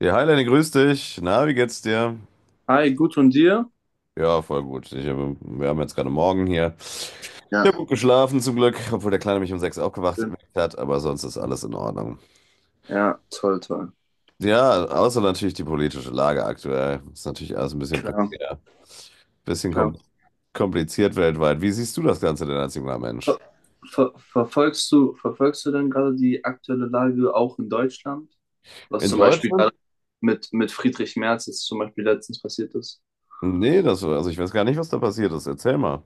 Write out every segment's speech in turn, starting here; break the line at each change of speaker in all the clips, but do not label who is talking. Ja, hi Lenny, grüß dich. Na, wie geht's dir?
Hi, gut und dir?
Ja, voll gut. Wir haben jetzt gerade Morgen hier. Ich
Ja,
habe gut geschlafen zum Glück, obwohl der Kleine mich um sechs aufgewacht
schön.
geweckt hat, aber sonst ist alles in Ordnung.
Ja, toll, toll.
Ja, außer natürlich die politische Lage aktuell. Ist natürlich alles ein bisschen
Klar,
prekär, bisschen
klar.
kompliziert weltweit. Wie siehst du das Ganze denn als junger
Ver
Mensch?
verfolgst du denn gerade die aktuelle Lage auch in Deutschland? Was
In
zum Beispiel
Deutschland?
gerade mit Friedrich Merz jetzt zum Beispiel letztens passiert ist?
Nee, also ich weiß gar nicht, was da passiert ist. Erzähl mal.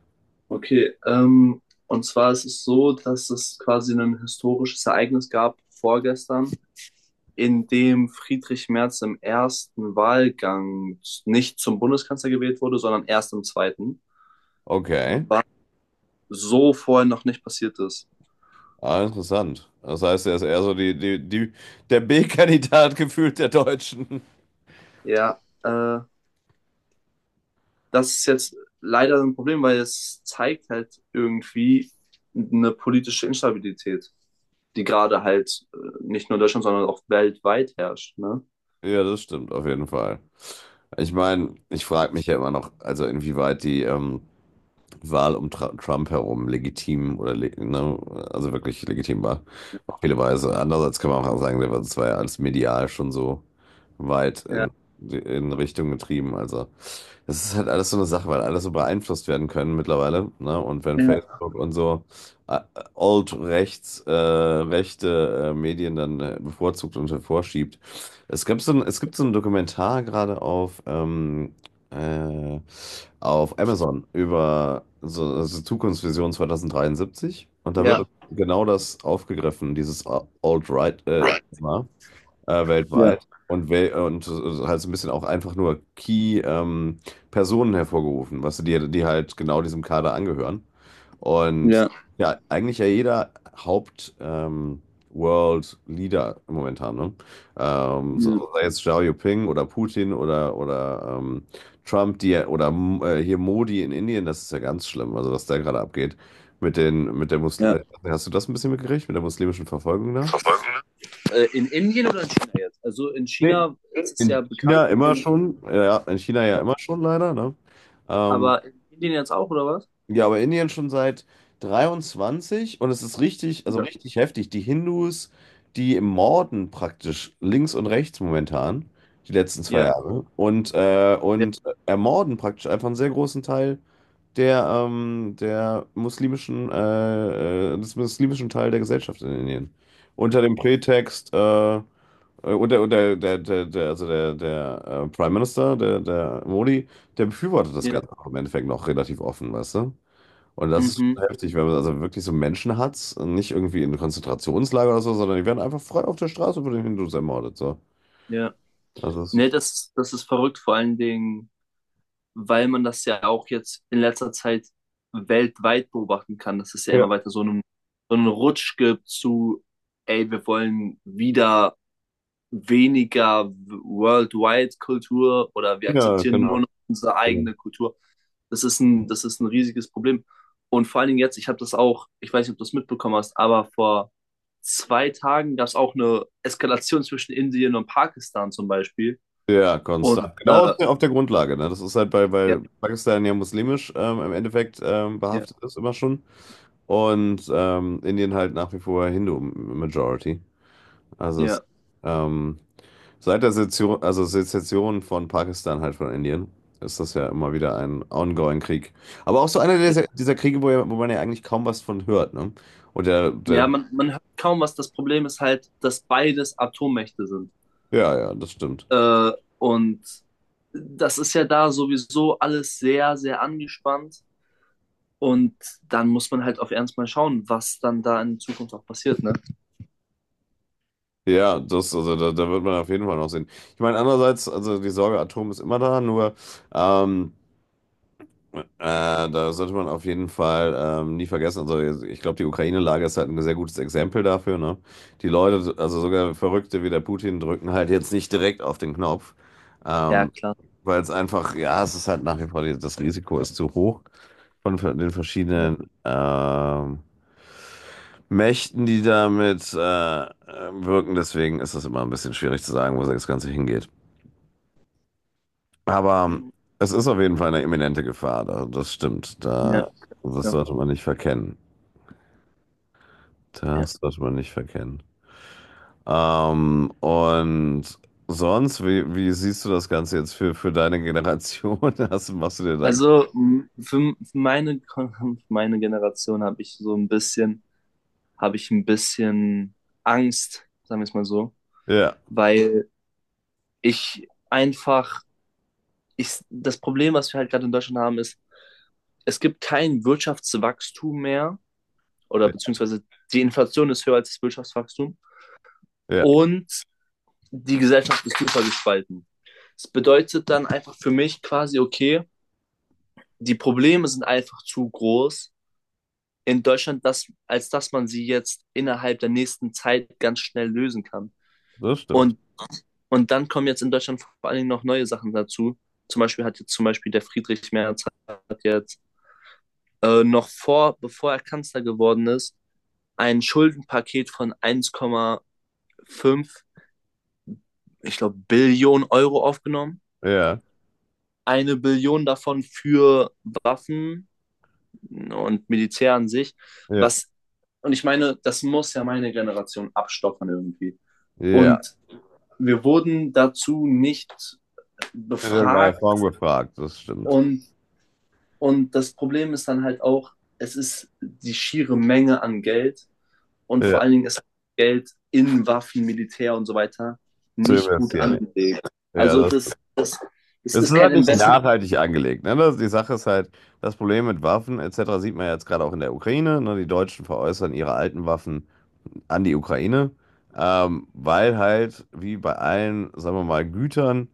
Okay, und zwar ist es so, dass es quasi ein historisches Ereignis gab vorgestern, in dem Friedrich Merz im ersten Wahlgang nicht zum Bundeskanzler gewählt wurde, sondern erst im zweiten.
Okay.
So vorher noch nicht passiert ist.
Ah, interessant. Das heißt, er ist eher so der B-Kandidat gefühlt der Deutschen.
Ja, das ist jetzt leider ein Problem, weil es zeigt halt irgendwie eine politische Instabilität, die gerade halt nicht nur in Deutschland, sondern auch weltweit herrscht. Ne?
Ja, das stimmt auf jeden Fall. Ich meine, ich frage mich ja immer noch, also inwieweit die Wahl um Tra Trump herum legitim oder le ne, also wirklich legitim war, auf viele Weise. Andererseits kann man auch sagen, das war ja alles medial schon so weit
Ja,
in Richtung getrieben. Also das ist halt alles so eine Sache, weil alles so beeinflusst werden können mittlerweile. Ne? Und wenn
ja,
Facebook und so äh, rechte Medien dann bevorzugt und hervorschiebt. Es gibt so ein Dokumentar gerade äh, auf Amazon über so, also Zukunftsvision 2073. Und da
ja,
wird genau das aufgegriffen, dieses Alt-Right-Thema
ja,
weltweit und halt so ein bisschen auch einfach nur Key-Personen hervorgerufen, was die halt genau diesem Kader angehören. Und
ja,
ja, eigentlich ja jeder World Leader momentan, ne? So,
ja.
sei jetzt Xiao Jinping oder Putin oder Trump, hier Modi in Indien. Das ist ja ganz schlimm, also was da gerade abgeht. Mit den, mit der Muslim,
Ja.
Hast du das ein bisschen mitgekriegt, mit der muslimischen Verfolgung da?
In Indien oder in China jetzt? Also in
Nee,
China ist es ja bekannt mit dem,
In China ja immer schon leider, ne? Ähm,
aber in Indien jetzt auch, oder was?
ja, aber Indien schon seit 23, und es ist richtig, also
Ja.
richtig heftig. Die Hindus, die morden praktisch links und rechts momentan, die letzten zwei
Ja,
Jahre und, äh,
ja,
und ermorden praktisch einfach einen sehr großen Teil des muslimischen Teil der Gesellschaft in Indien. Unter dem Prätext, äh, äh, unter der Prime Minister, der Modi, der befürwortet das
ja,
Ganze auch im Endeffekt noch relativ offen, weißt du? Und das ist
mhm,
schon heftig, wenn man also wirklich so Menschen hat, nicht irgendwie in Konzentrationslager oder so, sondern die werden einfach frei auf der Straße von den Hindus ermordet, so.
ja.
Also das
Ne,
ist,
das, das ist verrückt, vor allen Dingen weil man das ja auch jetzt in letzter Zeit weltweit beobachten kann, dass es ja
ja,
immer weiter so einen Rutsch gibt zu, ey, wir wollen wieder weniger worldwide Kultur oder wir
ja,
akzeptieren nur
genau.
noch unsere eigene Kultur. Das ist ein riesiges Problem. Und vor allen Dingen jetzt, ich habe das auch, ich weiß nicht, ob du das mitbekommen hast, aber vor 2 Tagen gab es auch eine Eskalation zwischen Indien und Pakistan zum Beispiel.
Ja,
Und
konstant. Genau
äh,
auf der Grundlage. Ne? Das ist halt,
ja,
weil Pakistan ja muslimisch im Endeffekt
ja,
behaftet ist, immer schon. Und Indien halt nach wie vor Hindu-Majority. Also
ja,
ähm, seit der Sezession, also Sezession von Pakistan halt von Indien, ist das ja immer wieder ein ongoing Krieg. Aber auch so einer
ja.
dieser Kriege, wo, ja, wo man ja eigentlich kaum was von hört. Ne? Und der,
Ja,
der,
man hört kaum was. Das Problem ist halt, dass beides Atommächte sind.
ja, ja, das stimmt.
Äh, und das ist ja da sowieso alles sehr, sehr angespannt. Und dann muss man halt auf Ernst mal schauen, was dann da in Zukunft auch passiert, ne?
Ja, also da wird man auf jeden Fall noch sehen. Ich meine, andererseits, also die Sorge Atom ist immer da, nur ähm, äh, da sollte man auf jeden Fall nie vergessen. Also ich glaube, die Ukraine-Lage ist halt ein sehr gutes Exempel dafür, ne? Die Leute, also sogar Verrückte wie der Putin, drücken halt jetzt nicht direkt auf den Knopf,
Ja,
ähm,
klar.
weil es ist halt nach wie vor, das Risiko ist zu hoch von den
Ja,
verschiedenen Mächten, die damit wirken. Deswegen ist es immer ein bisschen schwierig zu sagen, wo das Ganze hingeht. Aber
ja,
es ist auf jeden Fall eine imminente Gefahr. Da, das stimmt. Da, das
ja.
sollte man nicht verkennen.
Ja.
Das sollte man nicht verkennen. Und sonst, wie siehst du das Ganze jetzt für deine Generation? Machst du dir da...
Also für meine Generation habe ich ein bisschen Angst, sagen wir es mal so,
Ja,
weil ich einfach das Problem, was wir halt gerade in Deutschland haben, ist, es gibt kein Wirtschaftswachstum mehr, oder
ja,
beziehungsweise die Inflation ist höher als das Wirtschaftswachstum,
ja,
und die Gesellschaft ist super gespalten. Das bedeutet dann einfach für mich quasi, okay, die Probleme sind einfach zu groß in Deutschland, dass, als dass man sie jetzt innerhalb der nächsten Zeit ganz schnell lösen kann.
das stimmt.
Und, und dann kommen jetzt in Deutschland vor allen Dingen noch neue Sachen dazu. Zum Beispiel hat jetzt zum Beispiel der Friedrich Merz hat jetzt noch vor, bevor er Kanzler geworden ist, ein Schuldenpaket von 1,5, ich glaube, Billionen Euro aufgenommen.
Ja,
1 Billion davon für Waffen und Militär an sich.
ja,
Was, und ich meine, das muss ja meine Generation abstottern irgendwie.
ja.
Und wir wurden dazu nicht
In irgendeiner Form
befragt.
gefragt, das stimmt.
Und, und das Problem ist dann halt auch, es ist die schiere Menge an Geld, und vor
Ja,
allen Dingen ist Geld in Waffen, Militär und so weiter
zu
nicht gut
investieren.
angelegt.
Ja,
Also
das...
das
Es ist
ist
nur
kein
halt nicht
Investment.
nachhaltig angelegt. Ne? Die Sache ist halt, das Problem mit Waffen etc. sieht man ja jetzt gerade auch in der Ukraine. Ne? Die Deutschen veräußern ihre alten Waffen an die Ukraine, weil halt, wie bei allen, sagen wir mal, Gütern,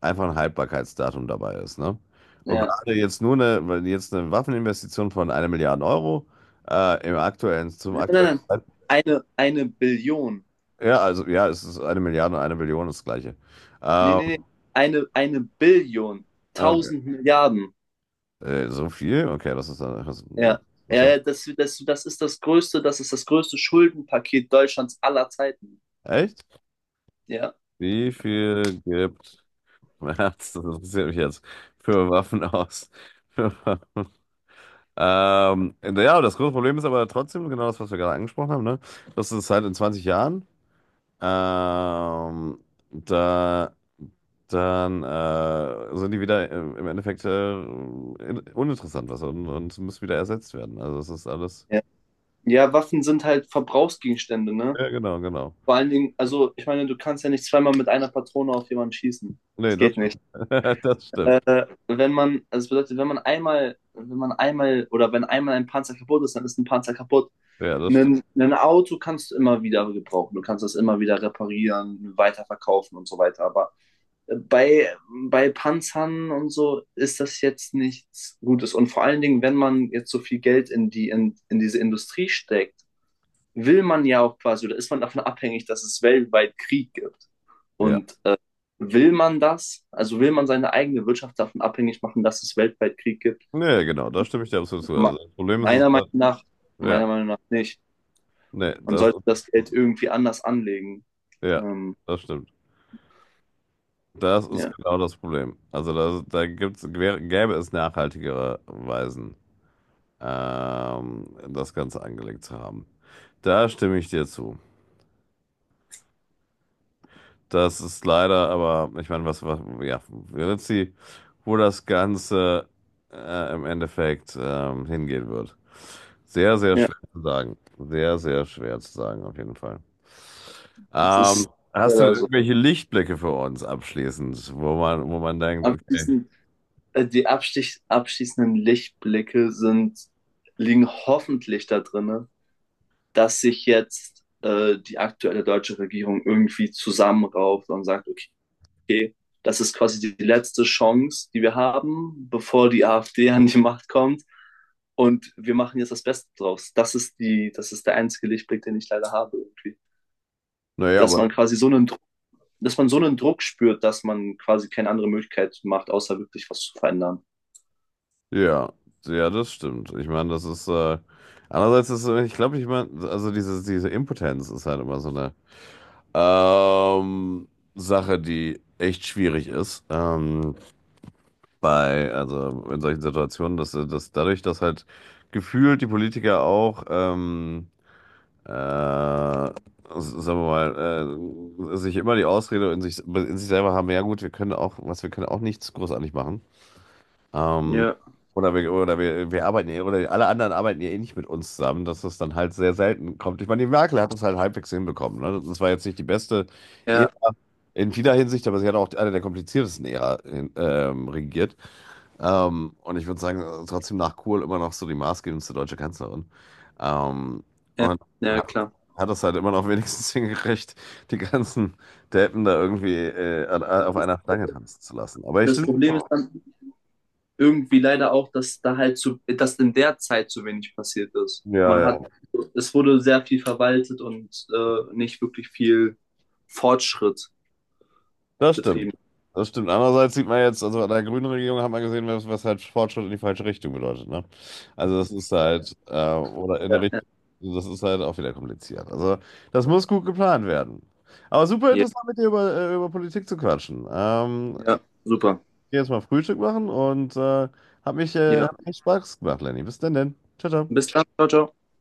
einfach ein Haltbarkeitsdatum dabei ist. Ne? Und
Ja.
gerade jetzt nur eine, weil jetzt eine Waffeninvestition von einer Milliarde Euro zum
Nein, nein,
aktuellen
nein.
Zeitpunkt.
Eine Billion.
Ja, also ja, es ist eine Milliarde, und eine Billion ist das Gleiche.
Nee,
Ähm,
nee, nee. Eine Billion.
okay.
Tausend Milliarden.
So viel? Okay, das ist dann. Das,
Ja.
das
Ja,
wird...
ja, das ist das größte Schuldenpaket Deutschlands aller Zeiten.
Echt?
Ja.
Wie viel gibt März, das interessiert mich jetzt, für Waffen aus? Für Waffen. Ja, das große Problem ist aber trotzdem genau das, was wir gerade angesprochen haben, ne? Das ist halt in 20 Jahren. Ähm, da, dann sind die wieder im Endeffekt uninteressant was, und müssen wieder ersetzt werden. Also es ist alles...
Ja, ja, Waffen sind halt Verbrauchsgegenstände, ne?
Ja, genau, genau.
Vor allen Dingen, also ich meine, du kannst ja nicht zweimal mit einer Patrone auf jemanden schießen.
Nee,
Das geht nicht.
das stimmt.
Wenn man, also das bedeutet, wenn man einmal oder wenn einmal ein Panzer kaputt ist, dann ist ein Panzer kaputt.
Ja, das stimmt.
Ein Auto kannst du immer wieder gebrauchen. Du kannst das immer wieder reparieren, weiterverkaufen und so weiter. Aber äh, bei, bei Panzern und so ist das jetzt nichts Gutes. Und vor allen Dingen, wenn man jetzt so viel Geld in diese Industrie steckt, will man ja auch quasi, oder ist man davon abhängig, dass es weltweit Krieg gibt.
Ja.
Und will man das? Also will man seine eigene Wirtschaft davon abhängig machen, dass es weltweit Krieg gibt?
Nee, genau, da stimme ich dir absolut zu.
Ma-
Also das Problem ist es
Meiner Meinung
halt,
nach,
ja,
meiner Meinung nach nicht.
nee,
Man
das ist,
sollte das Geld irgendwie anders anlegen.
ja,
Ähm,
das stimmt. Das ist
ja,
genau das Problem. Also da gäbe es nachhaltigere Weisen, das Ganze angelegt zu haben. Da stimme ich dir zu. Das ist leider, aber ich meine, ja, wird sie, wo das Ganze im Endeffekt hingehen wird. Sehr, sehr
ja,
schwer zu sagen. Sehr, sehr schwer zu sagen, auf jeden Fall.
das ist
Hast du denn
leider so.
irgendwelche Lichtblicke für uns abschließend, wo man, denkt, okay,
Abschließend, die abschließenden Lichtblicke sind, liegen hoffentlich da drinne, dass sich jetzt die aktuelle deutsche Regierung irgendwie zusammenrauft und sagt, okay, okay, das ist quasi die letzte Chance, die wir haben, bevor die AfD an die Macht kommt. Und wir machen jetzt das Beste draus. Das ist der einzige Lichtblick, den ich leider habe irgendwie.
naja,
Dass
aber
man quasi so einen Druck, dass man so einen Druck spürt, dass man quasi keine andere Möglichkeit macht, außer wirklich was zu verändern.
ja, ja, das stimmt. Ich meine, andererseits ist, ich glaube, ich meine, also diese Impotenz ist halt immer so eine ähm, Sache, die echt schwierig ist, also in solchen Situationen, dass, dadurch, dass halt gefühlt die Politiker auch sagen wir mal, sich immer die Ausrede in sich selber haben, ja gut, was wir können auch nichts großartig machen. Ähm,
Ja,
oder wir arbeiten ja, oder alle anderen arbeiten ja eh nicht mit uns zusammen, dass das dann halt sehr selten kommt. Ich meine, die Merkel hat das halt halbwegs hinbekommen. Ne? Das war jetzt nicht die beste Ära
ja,
in vieler Hinsicht, aber sie hat auch eine der kompliziertesten Ära regiert. Und ich würde sagen, trotzdem nach Kohl immer noch so die maßgebendste deutsche Kanzlerin. Ähm,
ja,
und
ja,
hat,
klar.
hat das halt immer noch wenigstens hingekriegt, die ganzen Deppen da irgendwie auf einer Stange tanzen zu lassen. Aber ich
Das
stimme,
Problem ist dann, irgendwie leider auch, dass in der Zeit zu wenig passiert ist.
ja,
Man hat,
ja.
es wurde sehr viel verwaltet und nicht wirklich viel Fortschritt
Das stimmt.
betrieben.
Das stimmt. Andererseits sieht man jetzt, also an der grünen Regierung hat man gesehen, was, halt Fortschritt in die falsche Richtung bedeutet. Ne? Also das ist
Ja,
halt, oder in der
ja,
Richtung, also das ist halt auch wieder kompliziert. Also das muss gut geplant werden. Aber super
ja,
interessant, mit dir über Politik zu quatschen. Ähm,
ja, super.
ich geh jetzt mal Frühstück machen, und hat
Ja,
echt Spaß gemacht, Lenny. Bis denn. Ciao,
bis
ciao.
dann, ciao, ciao.